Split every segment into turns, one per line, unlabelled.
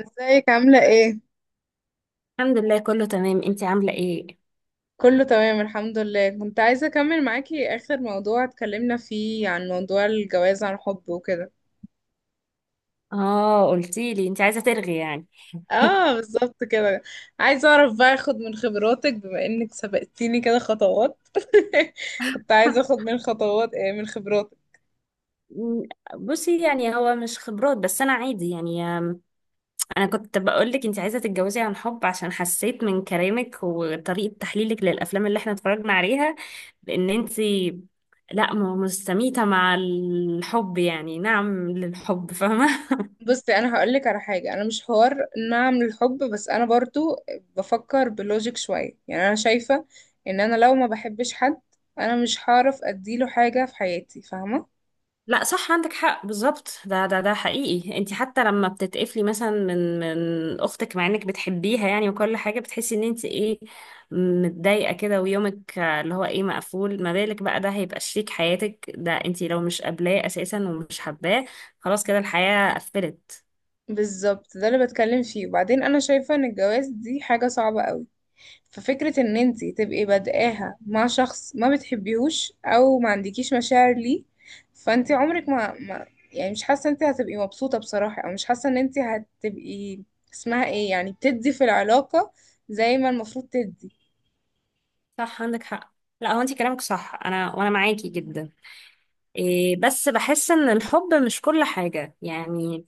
ازيك عاملة ايه؟
الحمد لله، كله تمام. انتي عاملة ايه؟
كله تمام الحمد لله، كنت عايزة اكمل معاكي اخر موضوع اتكلمنا فيه عن موضوع الجواز عن حب وكده.
اه، قلتيلي انتي عايزة ترغي يعني.
اه بالظبط كده. عايزة اعرف بقى اخد من خبراتك بما انك سبقتيني كده خطوات. كنت عايزة اخد من خطوات ايه من خبراتك.
م، بصي، يعني هو مش خبرات، بس انا عادي يعني. انا كنت بقولك انتي عايزة تتجوزي عن حب، عشان حسيت من كلامك وطريقة تحليلك للافلام اللي احنا اتفرجنا عليها، بان انتي لا مستميتة مع الحب، يعني نعم للحب. فاهمة؟
بصي، انا هقولك على حاجة. انا مش حوار نعم للحب، بس انا برضو بفكر بلوجيك شوية. يعني انا شايفة ان انا لو ما بحبش حد، انا مش هعرف اديله حاجة في حياتي، فاهمة.
لا صح، عندك حق بالظبط. ده حقيقي، انت حتى لما بتتقفلي مثلا من اختك مع انك بتحبيها، يعني، وكل حاجه بتحسي ان انت ايه، متضايقه كده، ويومك اللي هو ايه، مقفول. ما بالك بقى ده هيبقى شريك حياتك، ده انت لو مش قابلاه اساسا ومش حباه، خلاص كده الحياه قفلت.
بالظبط، ده اللي بتكلم فيه. وبعدين انا شايفة ان الجواز دي حاجة صعبة قوي. ففكرة ان انتي تبقي بادئاها مع شخص ما بتحبيهوش او ما عندكيش مشاعر ليه، فانتي عمرك ما يعني، مش حاسة انتي هتبقي مبسوطة بصراحة، او مش حاسة ان انتي هتبقي اسمها ايه، يعني بتدي في العلاقة زي ما المفروض تدي.
صح، عندك حق. لا هو انت كلامك صح، انا معاكي جدا. إيه، بس بحس ان الحب مش كل حاجه يعني.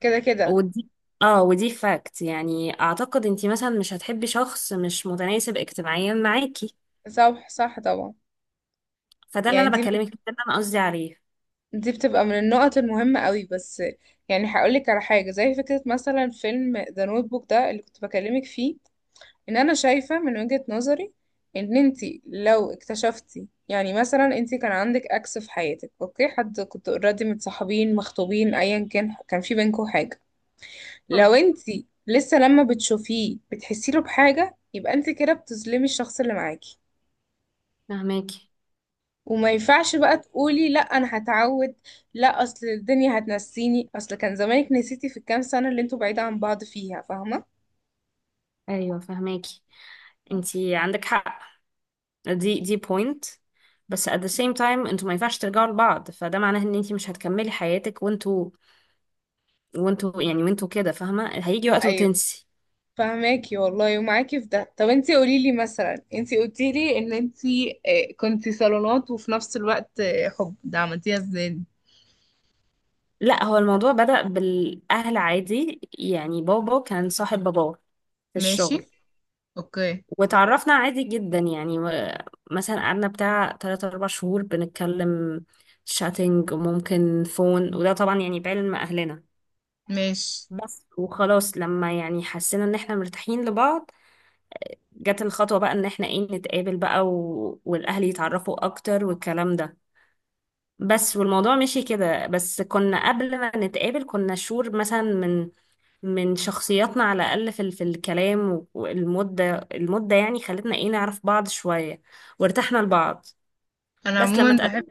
كده كده
ودي اه ودي فاكت، يعني اعتقد انتي مثلا مش هتحبي شخص مش متناسب اجتماعيا معاكي،
صح، صح طبعا.
فده اللي
يعني
انا
دي
بكلمك، ده اللي انا قصدي عليه.
دي بتبقى من النقط المهمة قوي. بس يعني هقولك على حاجة، زي فكرة مثلا فيلم ذا نوت بوك ده اللي كنت بكلمك فيه، ان انا شايفة من وجهة نظري ان انتي لو اكتشفتي، يعني مثلا انتي كان عندك اكس في حياتك، اوكي، حد كنت اوريدي متصاحبين مخطوبين ايا كان، كان في بينكم حاجة، لو
مم.
انتي لسه لما بتشوفيه بتحسي له بحاجة، يبقى انتي كده بتظلمي الشخص اللي معاكي.
فهماكي؟
وما ينفعش بقى تقولي لا انا هتعود، لا اصل الدنيا هتنسيني، اصل كان زمانك نسيتي في الكام سنة اللي انتوا بعيدة عن بعض فيها، فاهمة.
ايوه، فهماكي. انتي عندك حق، دي بوينت. بس at the same time، انتوا ما ينفعش ترجعوا لبعض، فده معناه ان انتي مش هتكملي حياتك، وانتوا كده فاهمه. هيجي وقت
أيوة.
وتنسي.
فهماكي والله ومعاكي في ده. طب انتي قوليلي، مثلا انتي قلتيلي ان انتي كنتي صالونات وفي نفس الوقت حب، ده عملتيها ازاي؟
لا هو الموضوع بدأ بالاهل عادي، يعني بابا كان صاحب باباه في
ماشي
الشغل،
اوكي
وتعرفنا عادي جدا يعني. مثلا قعدنا بتاع تلات أربع شهور بنتكلم شاتنج، وممكن فون، وده طبعا يعني بعلم أهلنا.
ماشي.
بس وخلاص لما يعني حسينا ان احنا مرتاحين لبعض، جت الخطوة بقى ان احنا ايه، نتقابل بقى والأهل يتعرفوا أكتر، والكلام ده. بس والموضوع مشي كده، بس كنا قبل ما نتقابل كنا شور مثلا، من شخصياتنا، على الأقل في الكلام، والمدة، المدة يعني خلتنا ايه، نعرف بعض شوية وارتحنا لبعض.
انا
بس لما
عموما بحب
اتقابلنا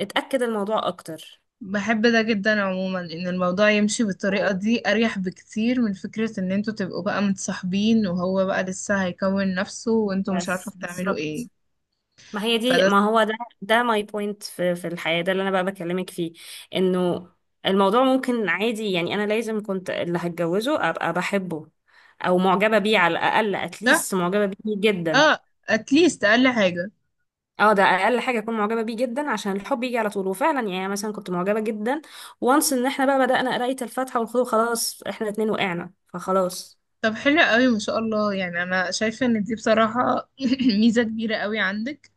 اتأكد الموضوع أكتر.
بحب ده جدا، عموما ان الموضوع يمشي بالطريقة دي اريح بكتير من فكرة ان انتوا تبقوا بقى متصاحبين وهو بقى لسه هيكون نفسه وانتوا مش عارفة
بس
بتعملوا
بالظبط،
ايه.
ما هي دي،
فده صح؟
ما هو ده، ده ماي بوينت في الحياة، ده اللي أنا بقى بكلمك فيه، إنه الموضوع ممكن عادي يعني. أنا لازم كنت اللي هتجوزه أبقى بحبه، أو معجبة بيه على الأقل،
ده،
أتليست معجبة بيه جدا.
اه اتليست اقل حاجة.
اه، ده اقل حاجه اكون معجبه بيه جدا، عشان الحب يجي على طول. وفعلا يعني مثلا كنت معجبه جدا، وانس ان احنا بقى بدانا قرايه الفاتحه والخضوع، خلاص احنا الاتنين وقعنا، فخلاص.
طب حلو قوي ما شاء الله، يعني انا شايفه ان دي بصراحه ميزه كبيره قوي عندك.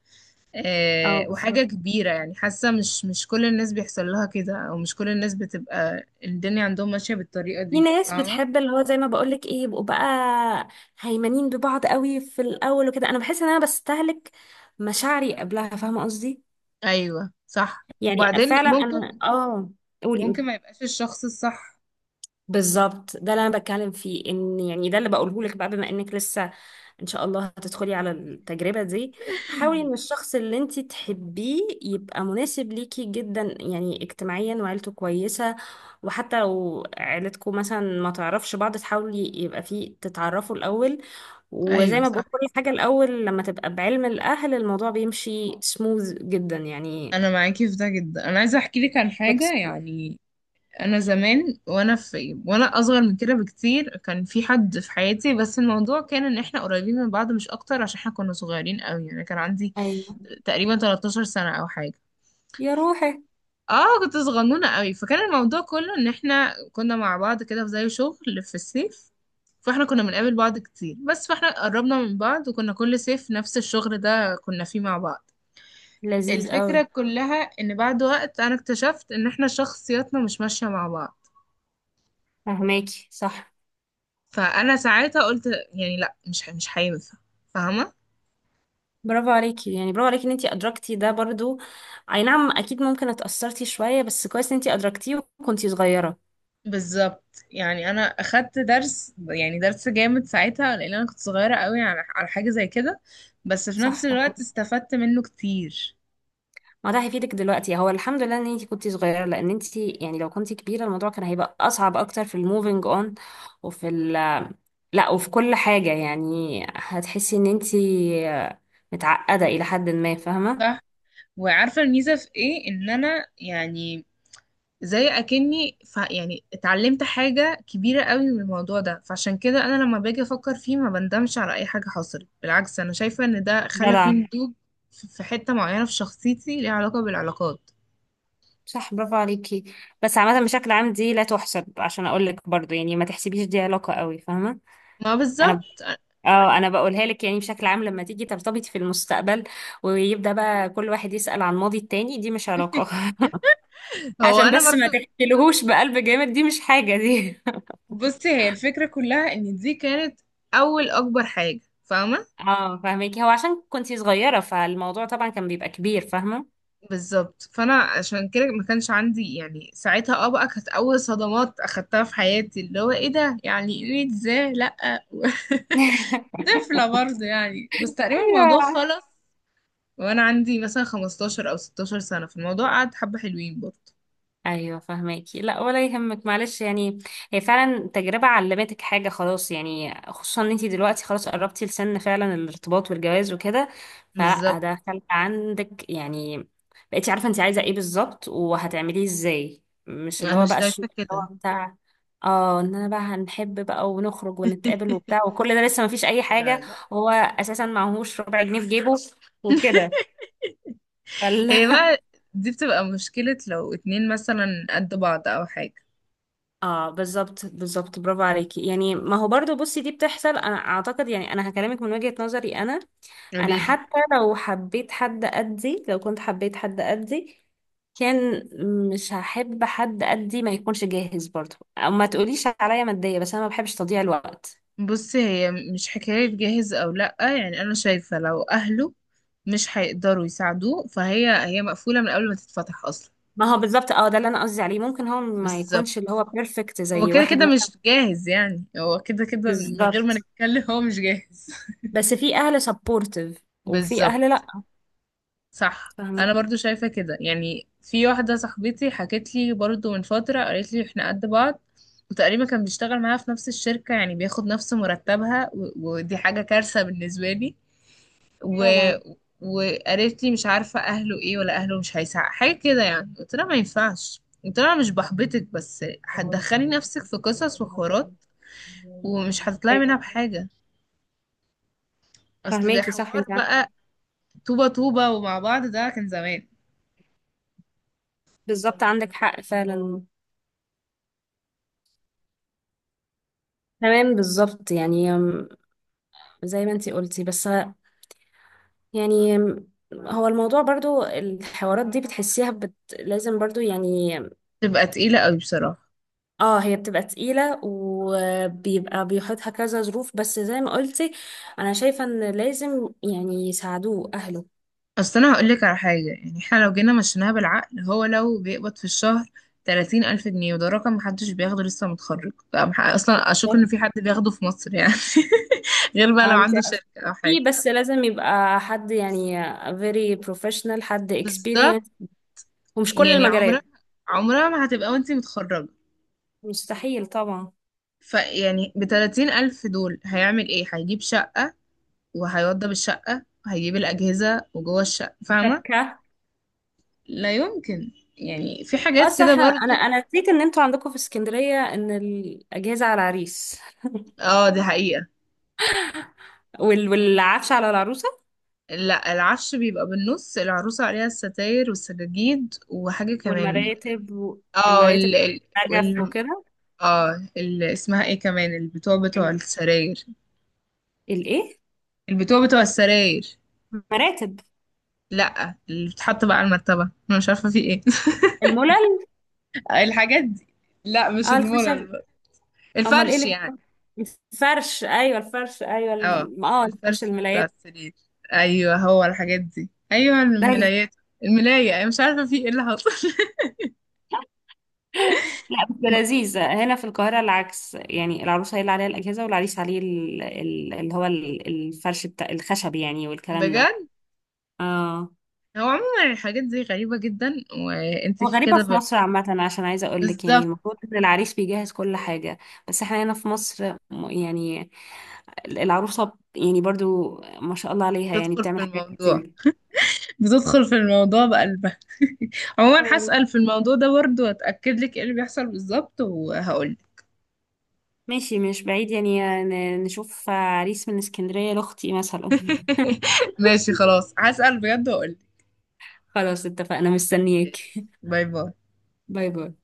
اه
وحاجه
بالظبط.
كبيره، يعني حاسه مش كل الناس بيحصل لها كده، او مش كل الناس بتبقى الدنيا عندهم ماشيه بالطريقه
في
دي،
ناس
فاهمه.
بتحب، اللي هو زي ما بقولك ايه، يبقوا بقى هيمنين ببعض قوي في الاول وكده. انا بحس ان انا بستهلك مشاعري قبلها، فاهمه قصدي؟
ايوه صح.
يعني
وبعدين
فعلا
ممكن
انا قولي
ممكن
قولي.
ما يبقاش الشخص الصح.
بالظبط ده اللي انا بتكلم فيه، ان يعني ده اللي بقوله لك بقى، بما انك لسه ان شاء الله هتدخلي على التجربة دي، حاولي ان الشخص اللي انت تحبيه يبقى مناسب ليكي جدا، يعني اجتماعيا وعيلته كويسة. وحتى لو عيلتكم مثلا ما تعرفش بعض، تحاولي يبقى فيه تتعرفوا الاول. وزي
ايوه
ما بقول،
صح.
كل حاجة الاول لما تبقى بعلم الاهل، الموضوع بيمشي سموز جدا يعني،
انا معاكي في ده جدا. انا عايزه احكي لك عن حاجه،
flexible.
يعني انا زمان وانا اصغر من كده بكتير كان في حد في حياتي، بس الموضوع كان ان احنا قريبين من بعض مش اكتر، عشان احنا كنا صغيرين قوي. يعني كان عندي
ايوه.
تقريبا 13 سنة او حاجة.
يا روحي.
اه كنت صغنونة قوي. فكان الموضوع كله ان احنا كنا مع بعض كده في زي شغل في الصيف، فاحنا كنا بنقابل بعض كتير. بس فاحنا قربنا من بعض، وكنا كل صيف نفس الشغل ده كنا فيه مع بعض.
لذيذ
الفكرة
قوي.
كلها ان بعد وقت انا اكتشفت ان احنا شخصياتنا مش ماشية مع بعض،
فهماكي صح.
فانا ساعتها قلت يعني لا، مش هينفع، فاهمه.
برافو عليكي، يعني برافو عليكي ان انتي ادركتي ده برضو. اي نعم اكيد، ممكن اتأثرتي شوية، بس كويس ان انتي ادركتيه وكنتي صغيرة.
بالظبط، يعني انا اخدت درس، يعني درس جامد ساعتها، لان انا كنت صغيره قوي على حاجه زي كده، بس في
صح،
نفس الوقت
فاهمك.
استفدت منه كتير.
ما ده هيفيدك دلوقتي، هو الحمد لله ان انتي كنتي صغيرة، لان انتي يعني لو كنتي كبيرة الموضوع كان هيبقى اصعب اكتر في الموفينج اون وفي ال لا، وفي كل حاجة، يعني هتحسي ان انتي متعقدة الى حد ما، فاهمة؟
صح. وعارفه الميزه في ايه ان انا يعني زي اكني يعني اتعلمت حاجه كبيره قوي من الموضوع ده، فعشان كده انا لما باجي افكر فيه ما بندمش على اي حاجه حصلت، بالعكس انا شايفه ان ده خلى فيه
جدع.
نضوج في حته معينه في شخصيتي ليها علاقه بالعلاقات.
صح، برافو عليكي. بس عامة، بشكل عام دي لا تحسب، عشان اقولك برضو، يعني ما تحسبيش دي علاقة قوي، فاهمة؟
ما
انا
بالظبط.
اه انا بقولها لك يعني، بشكل عام لما تيجي ترتبطي في المستقبل، ويبدأ بقى كل واحد يسأل عن ماضي التاني، دي مش علاقة.
هو
عشان
انا
بس ما
برضو
تحكيلهوش بقلب جامد، دي مش حاجة دي.
بصي، هي الفكرة كلها ان دي كانت اول اكبر حاجة، فاهمة.
اه فاهمك، هو عشان كنتي صغيرة فالموضوع طبعا كان بيبقى كبير، فاهمة.
بالظبط. فانا عشان كده ما كانش عندي، يعني ساعتها بقى كانت اول صدمات اخدتها في حياتي، اللي هو ايه ده، يعني ايه ازاي لا. طفلة برضه يعني، بس تقريبا الموضوع خلص وانا عندي مثلا 15 او 16 سنة في الموضوع قعد حبة حلوين برضه.
ايوه فهماكي، لا ولا يهمك، معلش يعني. هي فعلا تجربه علمتك حاجه، خلاص يعني. خصوصا ان انتي دلوقتي خلاص قربتي لسن فعلا الارتباط والجواز وكده. فلا،
بالظبط.
ده خلق عندك يعني. بقيتي عارفه انتي عايزه ايه بالظبط وهتعمليه ازاي، مش اللي
انا
هو بقى الشغل
شايفة
اللي
كده.
هو بتاع اه ان انا بقى هنحب بقى ونخرج ونتقابل وبتاع، وكل ده لسه مفيش اي
لا
حاجه.
لا.
وهو اساسا معهوش ربع جنيه في جيبه وكده.
هي بقى دي بتبقى مشكلة لو اتنين مثلا قد بعض أو حاجة.
اه بالظبط بالظبط، برافو عليكي. يعني ما هو برضو، بصي، دي بتحصل، انا اعتقد يعني، انا هكلمك من وجهة نظري انا. انا
قوليلي.
حتى لو حبيت حد قدي، لو كنت حبيت حد قدي كان، مش هحب حد قدي ما يكونش جاهز برضو، او ما تقوليش عليا مادية، بس انا ما بحبش تضييع الوقت.
بصي، هي مش حكاية جاهز أو لأ، يعني أنا شايفة لو أهله مش هيقدروا يساعدوه، فهي مقفولة من قبل ما تتفتح أصلا.
ما هو بالظبط ده اللي انا قصدي عليه، ممكن هو ما
بالظبط.
يكونش اللي هو بيرفكت
هو
زي
كده
واحد
كده
مثلا.
مش جاهز، يعني هو كده كده من غير ما
بالظبط.
نتكلم هو مش جاهز.
بس في اهل سبورتيف، وفي اهل
بالظبط.
لا.
صح.
فاهمين.
انا برضو شايفة كده. يعني في واحدة صاحبتي حكت لي برضو من فترة، قالت لي احنا قد بعض، وتقريبا كان بيشتغل معاها في نفس الشركة يعني بياخد نفس مرتبها، ودي حاجة كارثة بالنسبة لي. و...
طبعا.
وقالت لي مش عارفة اهله ايه، ولا اهله مش هيساعد حاجة كده. يعني قلت لها ما ينفعش، قلت لها مش بحبطك بس هتدخلي نفسك في قصص وحوارات، ومش هتطلعي منها
ايوه
بحاجة. اصل
فهماكي صح،
الحوار بقى طوبة طوبة ومع بعض ده كان زمان.
بالظبط عندك حق فعلا. تمام بالظبط يعني، زي ما انت قلتي، بس يعني هو الموضوع برضو الحوارات دي بتحسيها لازم برضو يعني.
تبقى تقيلة قوي بصراحة.
اه هي بتبقى تقيلة، وبيبقى بيحطها كذا ظروف، بس زي ما قلتي انا شايفة ان لازم يعني يساعدوه اهله.
اصل انا هقول لك على حاجه، يعني احنا لو جينا مشيناها بالعقل، هو لو بيقبض في الشهر 30 الف جنيه، وده رقم محدش بياخده لسه متخرج، اصلا اشك ان في حد بياخده في مصر يعني. غير بقى لو
انت،
عنده شركه او
في
حاجه.
بس لازم يبقى حد يعني very professional، حد
بالظبط.
experienced. ومش كل
يعني عمرها
المجالات.
عمرها ما هتبقى وانتي متخرجه.
مستحيل طبعا.
فيعني ب 30 الف دول هيعمل ايه؟ هيجيب شقه، وهيوضب الشقه، وهيجيب الاجهزه وجوه الشقه، فاهمه.
وشبكة.
لا يمكن. يعني في
اه
حاجات كده
صح، انا
برضو.
انا نسيت ان انتوا عندكم في اسكندرية ان الاجهزة على العريس.
اه دي حقيقه.
والعفش على العروسة.
لا العفش بيبقى بالنص، العروسة عليها الستاير والسجاجيد وحاجة كمان.
والمراتب
اه
المراتب،
ال ال
نجف
وال
وكده.
اه ال اسمها ايه كمان؟ البتوع بتوع السراير.
الايه؟
البتوع بتوع السراير.
مراتب.
لا اللي بتحط بقى على المرتبة. انا مش عارفة في ايه.
الملل.
الحاجات دي. لا مش
اه الخشب.
المورال.
امال ايه
الفرش
اللي
يعني.
بيبقى؟ الفرش، ايوه، الفرش، ايوه،
اه الفرش
الفرش
بتاع
الملايات.
السرير. ايوه هو الحاجات دي، ايوه الملايات. الملاية، انا مش عارفة في ايه اللي حصل.
لا بس لذيذ، هنا في القاهرة العكس يعني، العروسة هي اللي عليها الأجهزة، والعريس عليه اللي هو الفرش بتاع الخشب يعني، والكلام ده.
بجد.
اه.
هو عموما الحاجات دي غريبة جدا. وانت
وغريبة
كده
في
ب-
مصر عامة، عشان عايزة أقول لك يعني
بالظبط.
المفروض إن العريس بيجهز كل حاجة. بس إحنا هنا في مصر يعني العروسة يعني برضو ما شاء الله عليها يعني
تدخل
بتعمل
في
حاجات
الموضوع
كتير.
بتدخل في الموضوع بقلبها.
اه
عموما
والله.
هسأل في الموضوع ده برضه واتأكد لك ايه اللي بيحصل بالظبط وهقول.
ماشي، مش بعيد يعني نشوف عريس من اسكندرية لأختي مثلا.
ماشي خلاص هسأل بجد وهقول لك.
خلاص اتفقنا، مستنياك.
باي باي.
باي باي.